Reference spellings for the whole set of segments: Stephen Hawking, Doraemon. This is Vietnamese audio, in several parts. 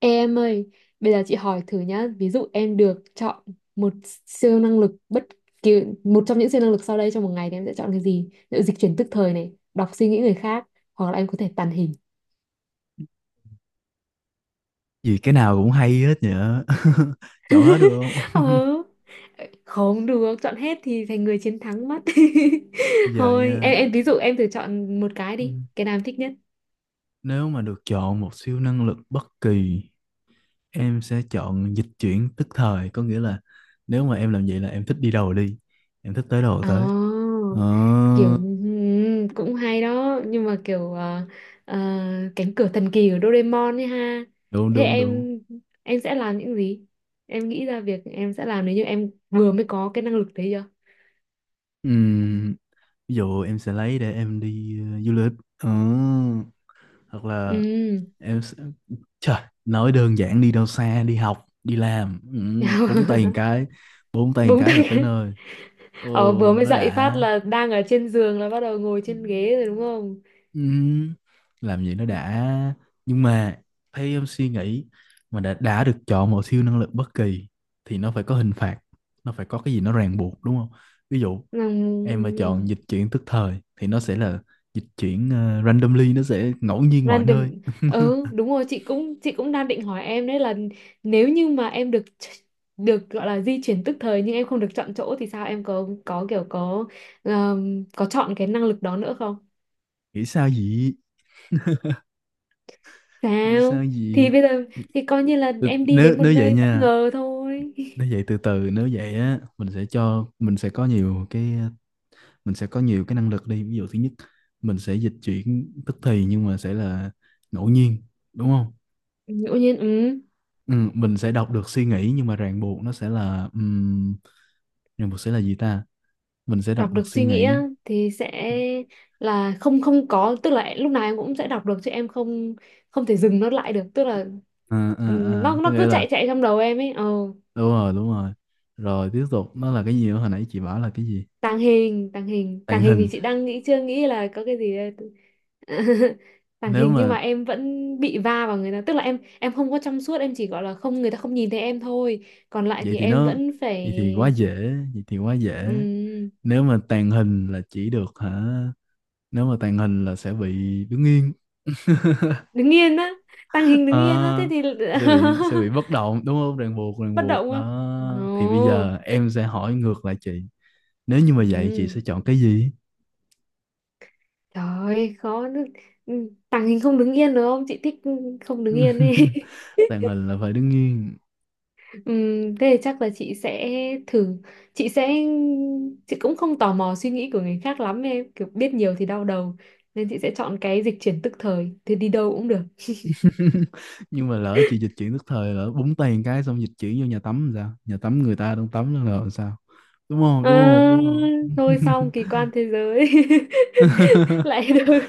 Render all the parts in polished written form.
Ê em ơi, bây giờ chị hỏi thử nhá, ví dụ em được chọn một siêu năng lực bất kỳ, một trong những siêu năng lực sau đây trong một ngày thì em sẽ chọn cái gì? Ví dụ dịch chuyển tức thời này, đọc suy nghĩ người khác, hoặc là em có thể tàng hình. Vì cái nào cũng hay hết nhở Chọn hết được không? Ờ, không được, chọn hết thì thành người chiến thắng mất. Giờ Thôi, nha, em ví dụ em thử chọn một cái đi, cái nào em thích nhất? nếu mà được chọn một siêu năng lực bất kỳ, em sẽ chọn dịch chuyển tức thời. Có nghĩa là nếu mà em làm vậy là em thích đi đâu đi, em thích tới đâu Ồ, tới. kiểu Ờ, cũng hay đó nhưng mà kiểu ờ, cánh cửa thần kỳ của Doraemon ấy ha. đúng Thế đúng đúng. em sẽ làm những gì, em nghĩ ra việc em sẽ làm nếu như em vừa mới có cái năng lực đấy chưa? Ừm, Ví dụ em sẽ lấy để em đi du lịch. Ờ. hoặc là um. em sẽ... Trời, nói đơn giản đi đâu xa, đi học, đi làm. Búng tay một cái, bốn tay một Búng cái là tới tay, nơi. ừ ờ, vừa mới nó dậy phát đã. là đang ở trên giường là bắt đầu ngồi Ừ. trên ghế rồi đúng không? ừ, làm gì nó đã, nhưng mà theo em suy nghĩ, mà đã được chọn một siêu năng lực bất kỳ thì nó phải có hình phạt, nó phải có cái gì nó ràng buộc đúng không. Ví dụ em mà chọn Ừm. dịch chuyển tức thời thì nó sẽ là dịch chuyển randomly, nó sẽ ngẫu nhiên mọi Random. nơi. Ừ đúng rồi, chị cũng đang định hỏi em đấy là nếu như mà được gọi là di chuyển tức thời nhưng em không được chọn chỗ thì sao, em có có chọn cái năng lực đó nữa không? Nghĩ sao vậy? Nghĩ sao Sao thì vậy? bây giờ thì coi như là Ừ, em đi nếu đến một nếu vậy nơi bất nha, ngờ thôi. nếu vậy từ từ, nếu vậy á, mình sẽ có nhiều cái năng lực đi. Ví dụ thứ nhất, mình sẽ dịch chuyển tức thì nhưng mà sẽ là ngẫu nhiên đúng không. Ngẫu nhiên, ừ, Ừ, mình sẽ đọc được suy nghĩ nhưng mà ràng buộc nó sẽ là ràng buộc sẽ là gì ta, mình sẽ đọc đọc được được suy suy nghĩ nghĩ. á, thì sẽ là không không có tức là lúc nào em cũng sẽ đọc được chứ em không không thể dừng nó lại được, tức là À, ừ, à, nó à, có nó nghĩa cứ chạy là. chạy trong đầu em ấy ờ. Đúng rồi, đúng rồi. Rồi tiếp tục nó là cái gì nữa, hồi nãy chị bảo là cái gì. Tàng Tàng hình hình. thì chị đang nghĩ, chưa nghĩ là có cái gì đây. Tàng nếu hình nhưng mà mà em vẫn bị va vào người ta, tức là em không có trong suốt, em chỉ gọi là không, người ta không nhìn thấy em thôi, còn lại vậy thì thì em nó vẫn phải vậy thì quá dễ, vậy thì quá dễ. ừm, Nếu mà tàng hình là chỉ được hả. Nếu mà tàng hình là sẽ bị đứng yên. đứng yên á. Tàng hình đứng yên á, thế À, thì sẽ bị bất động đúng không, ràng buộc, ràng bất buộc động á. đó. Thì bây Ồ, giờ em sẽ hỏi ngược lại chị, nếu như mà vậy chị sẽ ừm, chọn cái gì? trời ơi, khó nữa. Tàng hình không đứng yên được không, chị thích không đứng yên đi. Tàng hình là phải đứng nghiêng. Thế thì chắc là chị sẽ thử, chị sẽ, chị cũng không tò mò suy nghĩ của người khác lắm em, kiểu biết nhiều thì đau đầu, nên chị sẽ chọn cái dịch chuyển tức thời thì đi đâu cũng được. Nhưng mà lỡ chị dịch chuyển tức thời, lỡ búng tay một cái xong dịch chuyển vô nhà tắm làm sao, nhà tắm người ta đang tắm đó là làm sao, đúng không, đúng không, À, đúng không? thôi xong kỳ quan thế giới. Lại được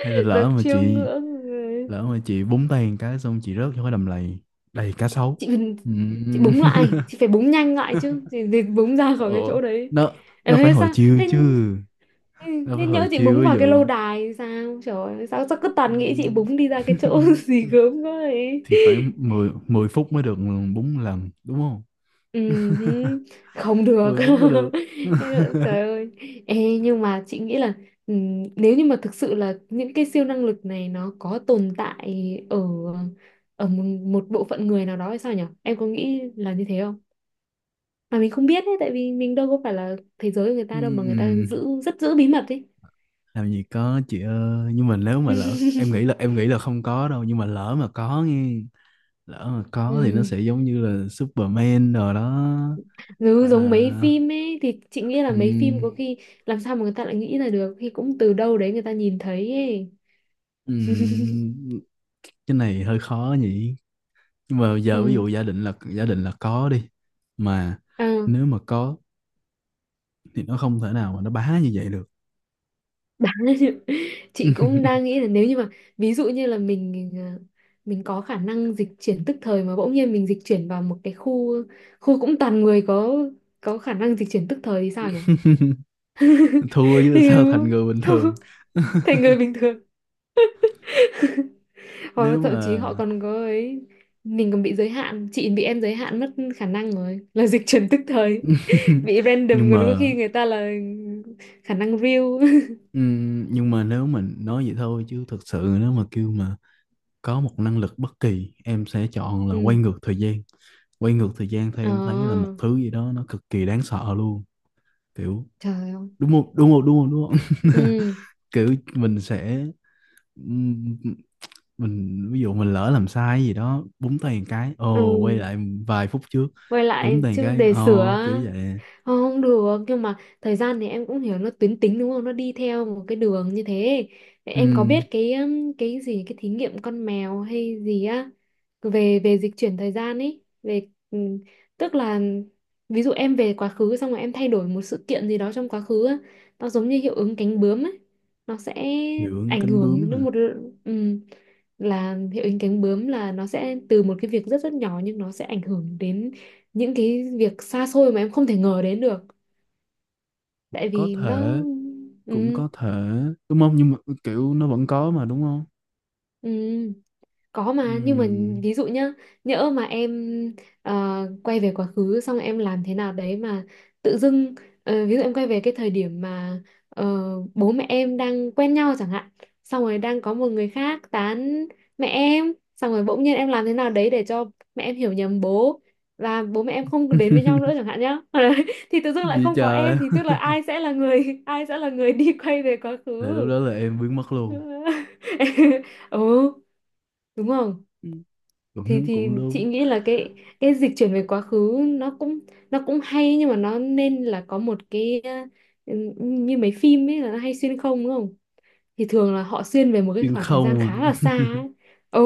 Hay là được chiêm ngưỡng rồi. lỡ mà chị búng tay một cái xong chị rớt vô cái đầm lầy đầy cá sấu. chị Ừ. chị búng lại, chị phải búng nhanh lại chứ, chị búng ra ờ, khỏi cái chỗ đấy. nó nó phải Ê, hồi sao chiêu thế. chứ, Ừ, nó phải nên hồi nhớ chị chiêu búng ví vào cái lâu dụ. đài thì sao, trời ơi, sao sao cứ toàn nghĩ chị ừm, búng đi ra cái chỗ gì gớm quá ấy. thì phải 10 10 phút mới được, bốn lần đúng không? Ừ, không được. 10 phút mới được. Trời ơi. Ê, nhưng mà chị nghĩ là ừ, nếu như mà thực sự là những cái siêu năng lực này nó có tồn tại ở ở một bộ phận người nào đó hay sao nhở, em có nghĩ là như thế không, mà mình không biết đấy, tại vì mình đâu có phải là thế giới của người ta đâu mà người ta Ừm, giữ rất giữ bí mật ấy. làm gì có chị ơi, nhưng mà nếu mà lỡ, em nghĩ là không có đâu, nhưng mà lỡ mà có nghe, lỡ mà có thì nó Ừ. sẽ giống như là Superman rồi đó. à, Dứ giống mấy phim ấy thì chị nghĩ là mấy phim ừm, có khi làm sao mà người ta lại nghĩ ra được, khi cũng từ đâu đấy người ta nhìn thấy ấy. ừm, cái này hơi khó nhỉ, nhưng mà giờ ví Ừ. dụ giả định là có đi. Mà À, nếu mà có thì nó không thể nào mà nó bá như vậy được. đáng. Chị cũng đang nghĩ là nếu như mà ví dụ như là mình à, mình có khả năng dịch chuyển tức thời mà bỗng nhiên mình dịch chuyển vào một cái khu, khu cũng toàn người có khả năng dịch chuyển tức thời thì sao nhỉ? Thua chứ sao, thành người bình thường. Thành người bình thường. Thôi nếu thậm chí mà họ còn có ấy, mình còn bị giới hạn, chị bị em giới hạn mất khả năng rồi là dịch chuyển tức thời. Bị nhưng random còn có mà khi người ta là khả năng real. nhưng mà nếu mình nói vậy thôi, chứ thực sự nếu mà kêu mà có một năng lực bất kỳ em sẽ chọn là quay Ừ. ngược thời gian. Quay ngược thời gian theo em thấy là một Ờ, thứ gì đó nó cực kỳ đáng sợ luôn, kiểu, trời ơi. đúng không, đúng không, đúng không, đúng không? Ừ. Kiểu mình sẽ mình ví dụ mình lỡ làm sai gì đó, búng tay một cái ồ quay Ừ, lại vài phút trước, quay búng lại tay một chứ cái, để sửa. kiểu vậy. Không được, nhưng mà thời gian thì em cũng hiểu nó tuyến tính đúng không, nó đi theo một cái đường như thế. Em có biết Ừ, cái gì cái thí nghiệm con mèo hay gì á, về về dịch chuyển thời gian ấy, về ừ, tức là ví dụ em về quá khứ xong rồi em thay đổi một sự kiện gì đó trong quá khứ á, nó giống như hiệu ứng cánh bướm ấy, nó sẽ dưỡng ảnh cánh bướm hưởng hả? đến một ừ, là hiệu ứng cánh bướm là nó sẽ từ một cái việc rất rất nhỏ nhưng nó sẽ ảnh hưởng đến những cái việc xa xôi mà em không thể ngờ đến được, tại Có vì nó thể, cũng ừ, có thể, đúng không, nhưng mà kiểu nó vẫn có mà đúng không. ừ. Có mà, nhưng mà Ừ. ví dụ nhá, nhỡ mà em ờ, quay về quá khứ xong em làm thế nào đấy mà tự dưng ờ, ví dụ em quay về cái thời điểm mà ờ, bố mẹ em đang quen nhau chẳng hạn, xong rồi đang có một người khác tán mẹ em, xong rồi bỗng nhiên em làm thế nào đấy để cho mẹ em hiểu nhầm bố và bố mẹ em không đến với nhau nữa chẳng hạn nhá. Đấy, thì tự dưng lại Gì không có trời. em thì tức là ai sẽ là người, ai sẽ là người đi quay về quá khứ. Là lúc đó là em biến mất luôn. Ừ, đúng không. Ừ, Thì cũng cũng chị đúng. nghĩ là cái dịch chuyển về quá khứ nó cũng, nó cũng hay nhưng mà nó nên là có một cái ờ, như mấy phim ấy là nó hay xuyên không đúng không, thì thường là họ xuyên về một cái Nhưng khoảng thời gian không à. khá là xa ấy. Ừ,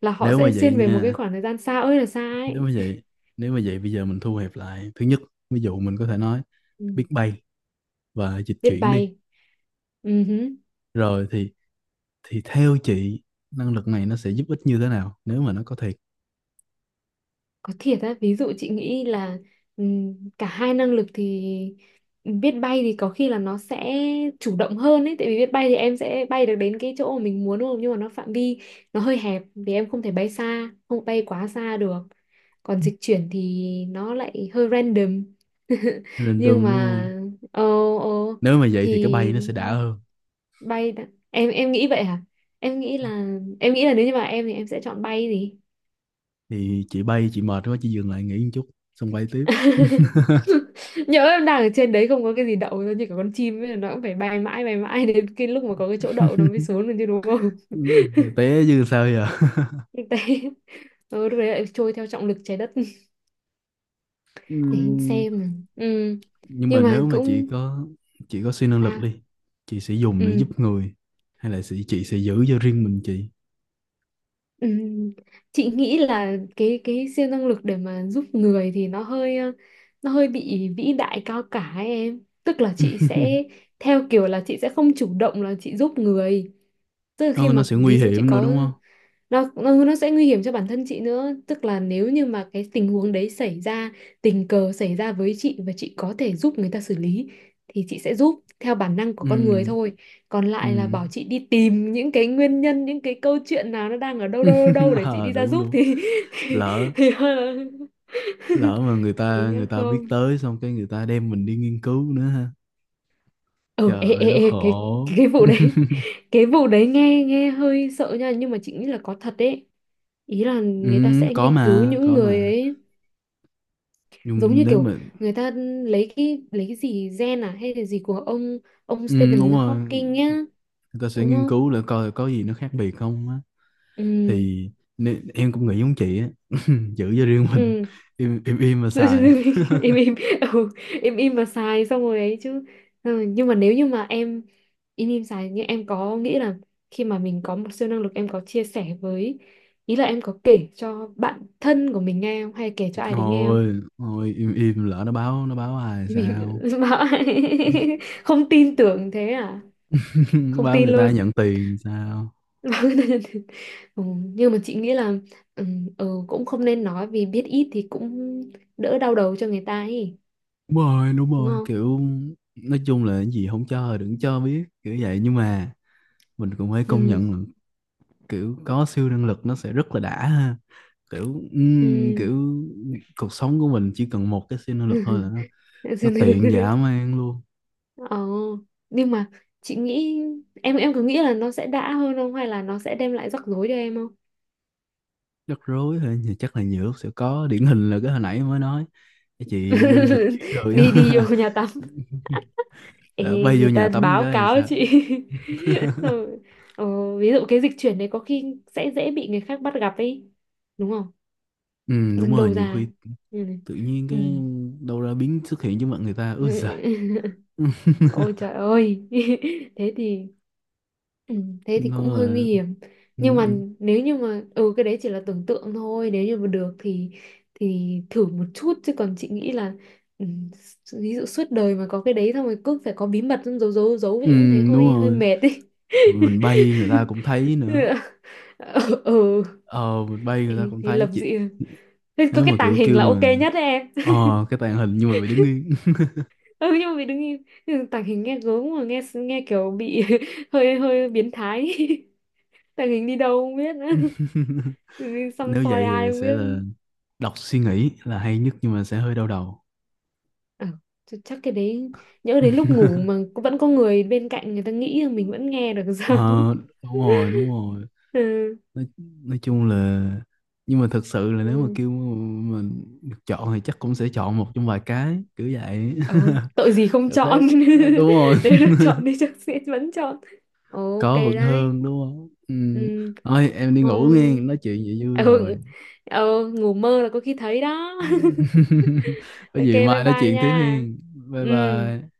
là họ Nếu mà sẽ vậy xuyên về một cái nha, khoảng thời gian xa ơi là xa nếu ấy. mà vậy nếu mà vậy bây giờ mình thu hẹp lại, thứ nhất ví dụ mình có thể nói Ừ. biết bay và dịch Biết chuyển đi. bay. Ừ. Hứ. Rồi thì theo chị, năng lực này nó sẽ giúp ích như thế nào nếu mà nó có thiệt. Có thiệt á, ví dụ chị nghĩ là cả hai năng lực thì biết bay thì có khi là nó sẽ chủ động hơn ấy, tại vì biết bay thì em sẽ bay được đến cái chỗ mà mình muốn đúng không, nhưng mà nó phạm vi, nó hơi hẹp vì em không thể bay xa, không bay quá xa được, còn dịch chuyển thì nó lại hơi random. Nó random Nhưng mà đúng. ờ ờ Nếu mà vậy thì cái bay thì nó sẽ đã hơn. bay đã- em nghĩ vậy hả, em nghĩ là, em nghĩ là nếu như mà em thì em sẽ chọn bay gì. Thì chị bay chị mệt quá chị dừng lại nghỉ một chút, xong bay tiếp. Nhỡ em đang ở trên đấy không có cái gì đậu, nó như cả con chim ấy, nó cũng phải bay mãi đến cái lúc mà có cái chỗ đậu nó mới xuống được chứ đúng không. Ừ, té chứ sao giờ. Thực tế ừ, lúc đấy lại trôi theo trọng lực trái đất. Ừ, Để xem nào. Ừ. nhưng mà Nhưng mà nếu mà cũng chị có siêu năng lực sao. đi, chị sẽ dùng để Ừ. giúp người, hay là chị sẽ giữ cho riêng mình chị? Ừm, chị nghĩ là cái siêu năng lực để mà giúp người thì nó hơi ờ, nó hơi bị vĩ đại cao cả ấy em, tức là chị sẽ theo kiểu là chị sẽ không chủ động là chị giúp người, tức là khi Ờ, nó mà sẽ nguy ví dụ chị hiểm nữa có đúng không. Nó sẽ nguy hiểm cho bản thân chị nữa, tức là nếu như mà cái tình huống đấy xảy ra tình cờ xảy ra với chị và chị có thể giúp người ta xử lý thì chị sẽ giúp theo bản năng của con người Ừ, thôi, còn ừ. lại là bảo chị đi tìm những cái nguyên nhân, những cái câu chuyện nào nó đang ở đâu đâu đâu đâu để chị À, đi ra đúng giúp đúng, thì thì, lỡ thì, lỡ mà thì người ta biết không tới xong cái người ta đem mình đi nghiên cứu nữa ha. ờ Trời ê, ơi ê, nó ê, cái khổ. cái vụ đấy cái vụ đấy nghe nghe hơi sợ nha, nhưng mà chị nghĩ là có thật đấy, ý là Ừ, người ta sẽ có nghiên cứu mà những có người mà. ấy, giống Nhưng như nếu kiểu mà người ta lấy cái gì gen à hay là gì của ông Ừ, đúng Stephen rồi, Hawking nhá, người ta sẽ đúng nghiên không. cứu là coi có gì nó khác biệt không á, Ừ. thì nè, em cũng nghĩ giống chị á. Giữ cho riêng mình, Ừ. im im im mà xài. Em im. Ừ, im im mà xài xong rồi ấy chứ. Xong nhưng mà nếu như mà em im im xài, nhưng em có nghĩ là khi mà mình có một siêu năng lực em có chia sẻ với, ý là em có kể cho bạn thân của mình nghe không, hay kể cho ai đấy nghe không. Thôi thôi, im im, lỡ nó báo ai Im, sao. im bảo. Không tin tưởng thế à, không Báo tin người ta luôn. nhận tiền sao? Ừ, nhưng mà chị nghĩ là ừ, cũng không nên nói vì biết ít thì cũng đỡ đau đầu cho người ta ấy, Đúng rồi, đúng đúng rồi không. kiểu, nói chung là cái gì không cho đừng cho biết kiểu vậy, nhưng mà mình cũng phải công Ừ. nhận là kiểu có siêu năng lực nó sẽ rất là đã ha, kiểu, Ừ. kiểu cuộc sống của mình chỉ cần một cái siêu năng lực thôi là nó Dừng lại tiện lần. dã man luôn. Ờ, nhưng mà chị nghĩ, em cứ nghĩ là nó sẽ đã hơn không, hay là nó sẽ đem lại rắc rối cho em không? Rắc rối thôi thì chắc là nhiều lúc sẽ có, điển hình là cái hồi nãy mới nói, cái chị dịch chuyển đời Đi á. đi vô nhà tắm. Lỡ Ê, bay vô người nhà ta tắm báo cái thì cáo sao? chị. Xong rồi, ờ, ví dụ cái dịch chuyển này có khi sẽ dễ bị người khác bắt gặp ấy, đúng không, Ừ đúng dừng rồi, đầu nhiều ra. khi Ừ. tự nhiên Ừ. cái đâu ra biến xuất hiện trước mặt người ta, ôi giời. Ôi trời ơi. Thế thì Ừ, thế thì Nó cũng hơi nguy là, hiểm, ừ, nhưng mà ừ, nếu như mà ừ cái đấy chỉ là tưởng tượng thôi, nếu như mà được thì thử một chút chứ còn chị nghĩ là ừ, ví dụ suốt đời mà có cái đấy xong rồi cứ phải có bí mật xong giấu giấu giấu ừ, thì cũng thấy đúng hơi hơi rồi, mệt ấy. mình bay người ta cũng thấy nữa. Ừ, ừ. Ờ, mình bay người ta Ê, cũng thế thấy lập chị. dị, thế có Nếu cái mà tàng kiểu hình kêu là ok mà nhất đấy em. Cái tàng hình nhưng mà bị đứng yên. Ừ nhưng mà mình đứng im nhưng mà tàng hình nghe gớm mà, nghe nghe kiểu bị hơi hơi biến thái. Tàng hình đi đâu không biết nữa. Gì, xăm Nếu soi vậy ai thì không sẽ biết. là đọc suy nghĩ là hay nhất, nhưng mà sẽ hơi đau đầu. À, chắc cái đấy nhỡ đến lúc ngủ mà cũng vẫn có người bên cạnh, người ta nghĩ là mình vẫn nghe được sao. Ờ, đúng rồi, đúng rồi. Ừ. nói, nói chung là, nhưng mà thật sự là nếu mà Ừ. kêu mình được chọn thì chắc cũng sẽ chọn một trong vài cái kiểu vậy. Ờ, tội gì không chọn. Thế, đúng rồi, Nếu được chọn thì chắc sẽ vẫn chọn, ok có vẫn đấy. hơn đúng không. Ừ. Ừ. Thôi em đi Ờ. ngủ, nghe nói chuyện vậy vui rồi. Ừ. Ừ ngủ mơ là có khi thấy đó. Có Ok gì bye mai nói bye chuyện nha. tiếp hen. Bye Ừ. bye.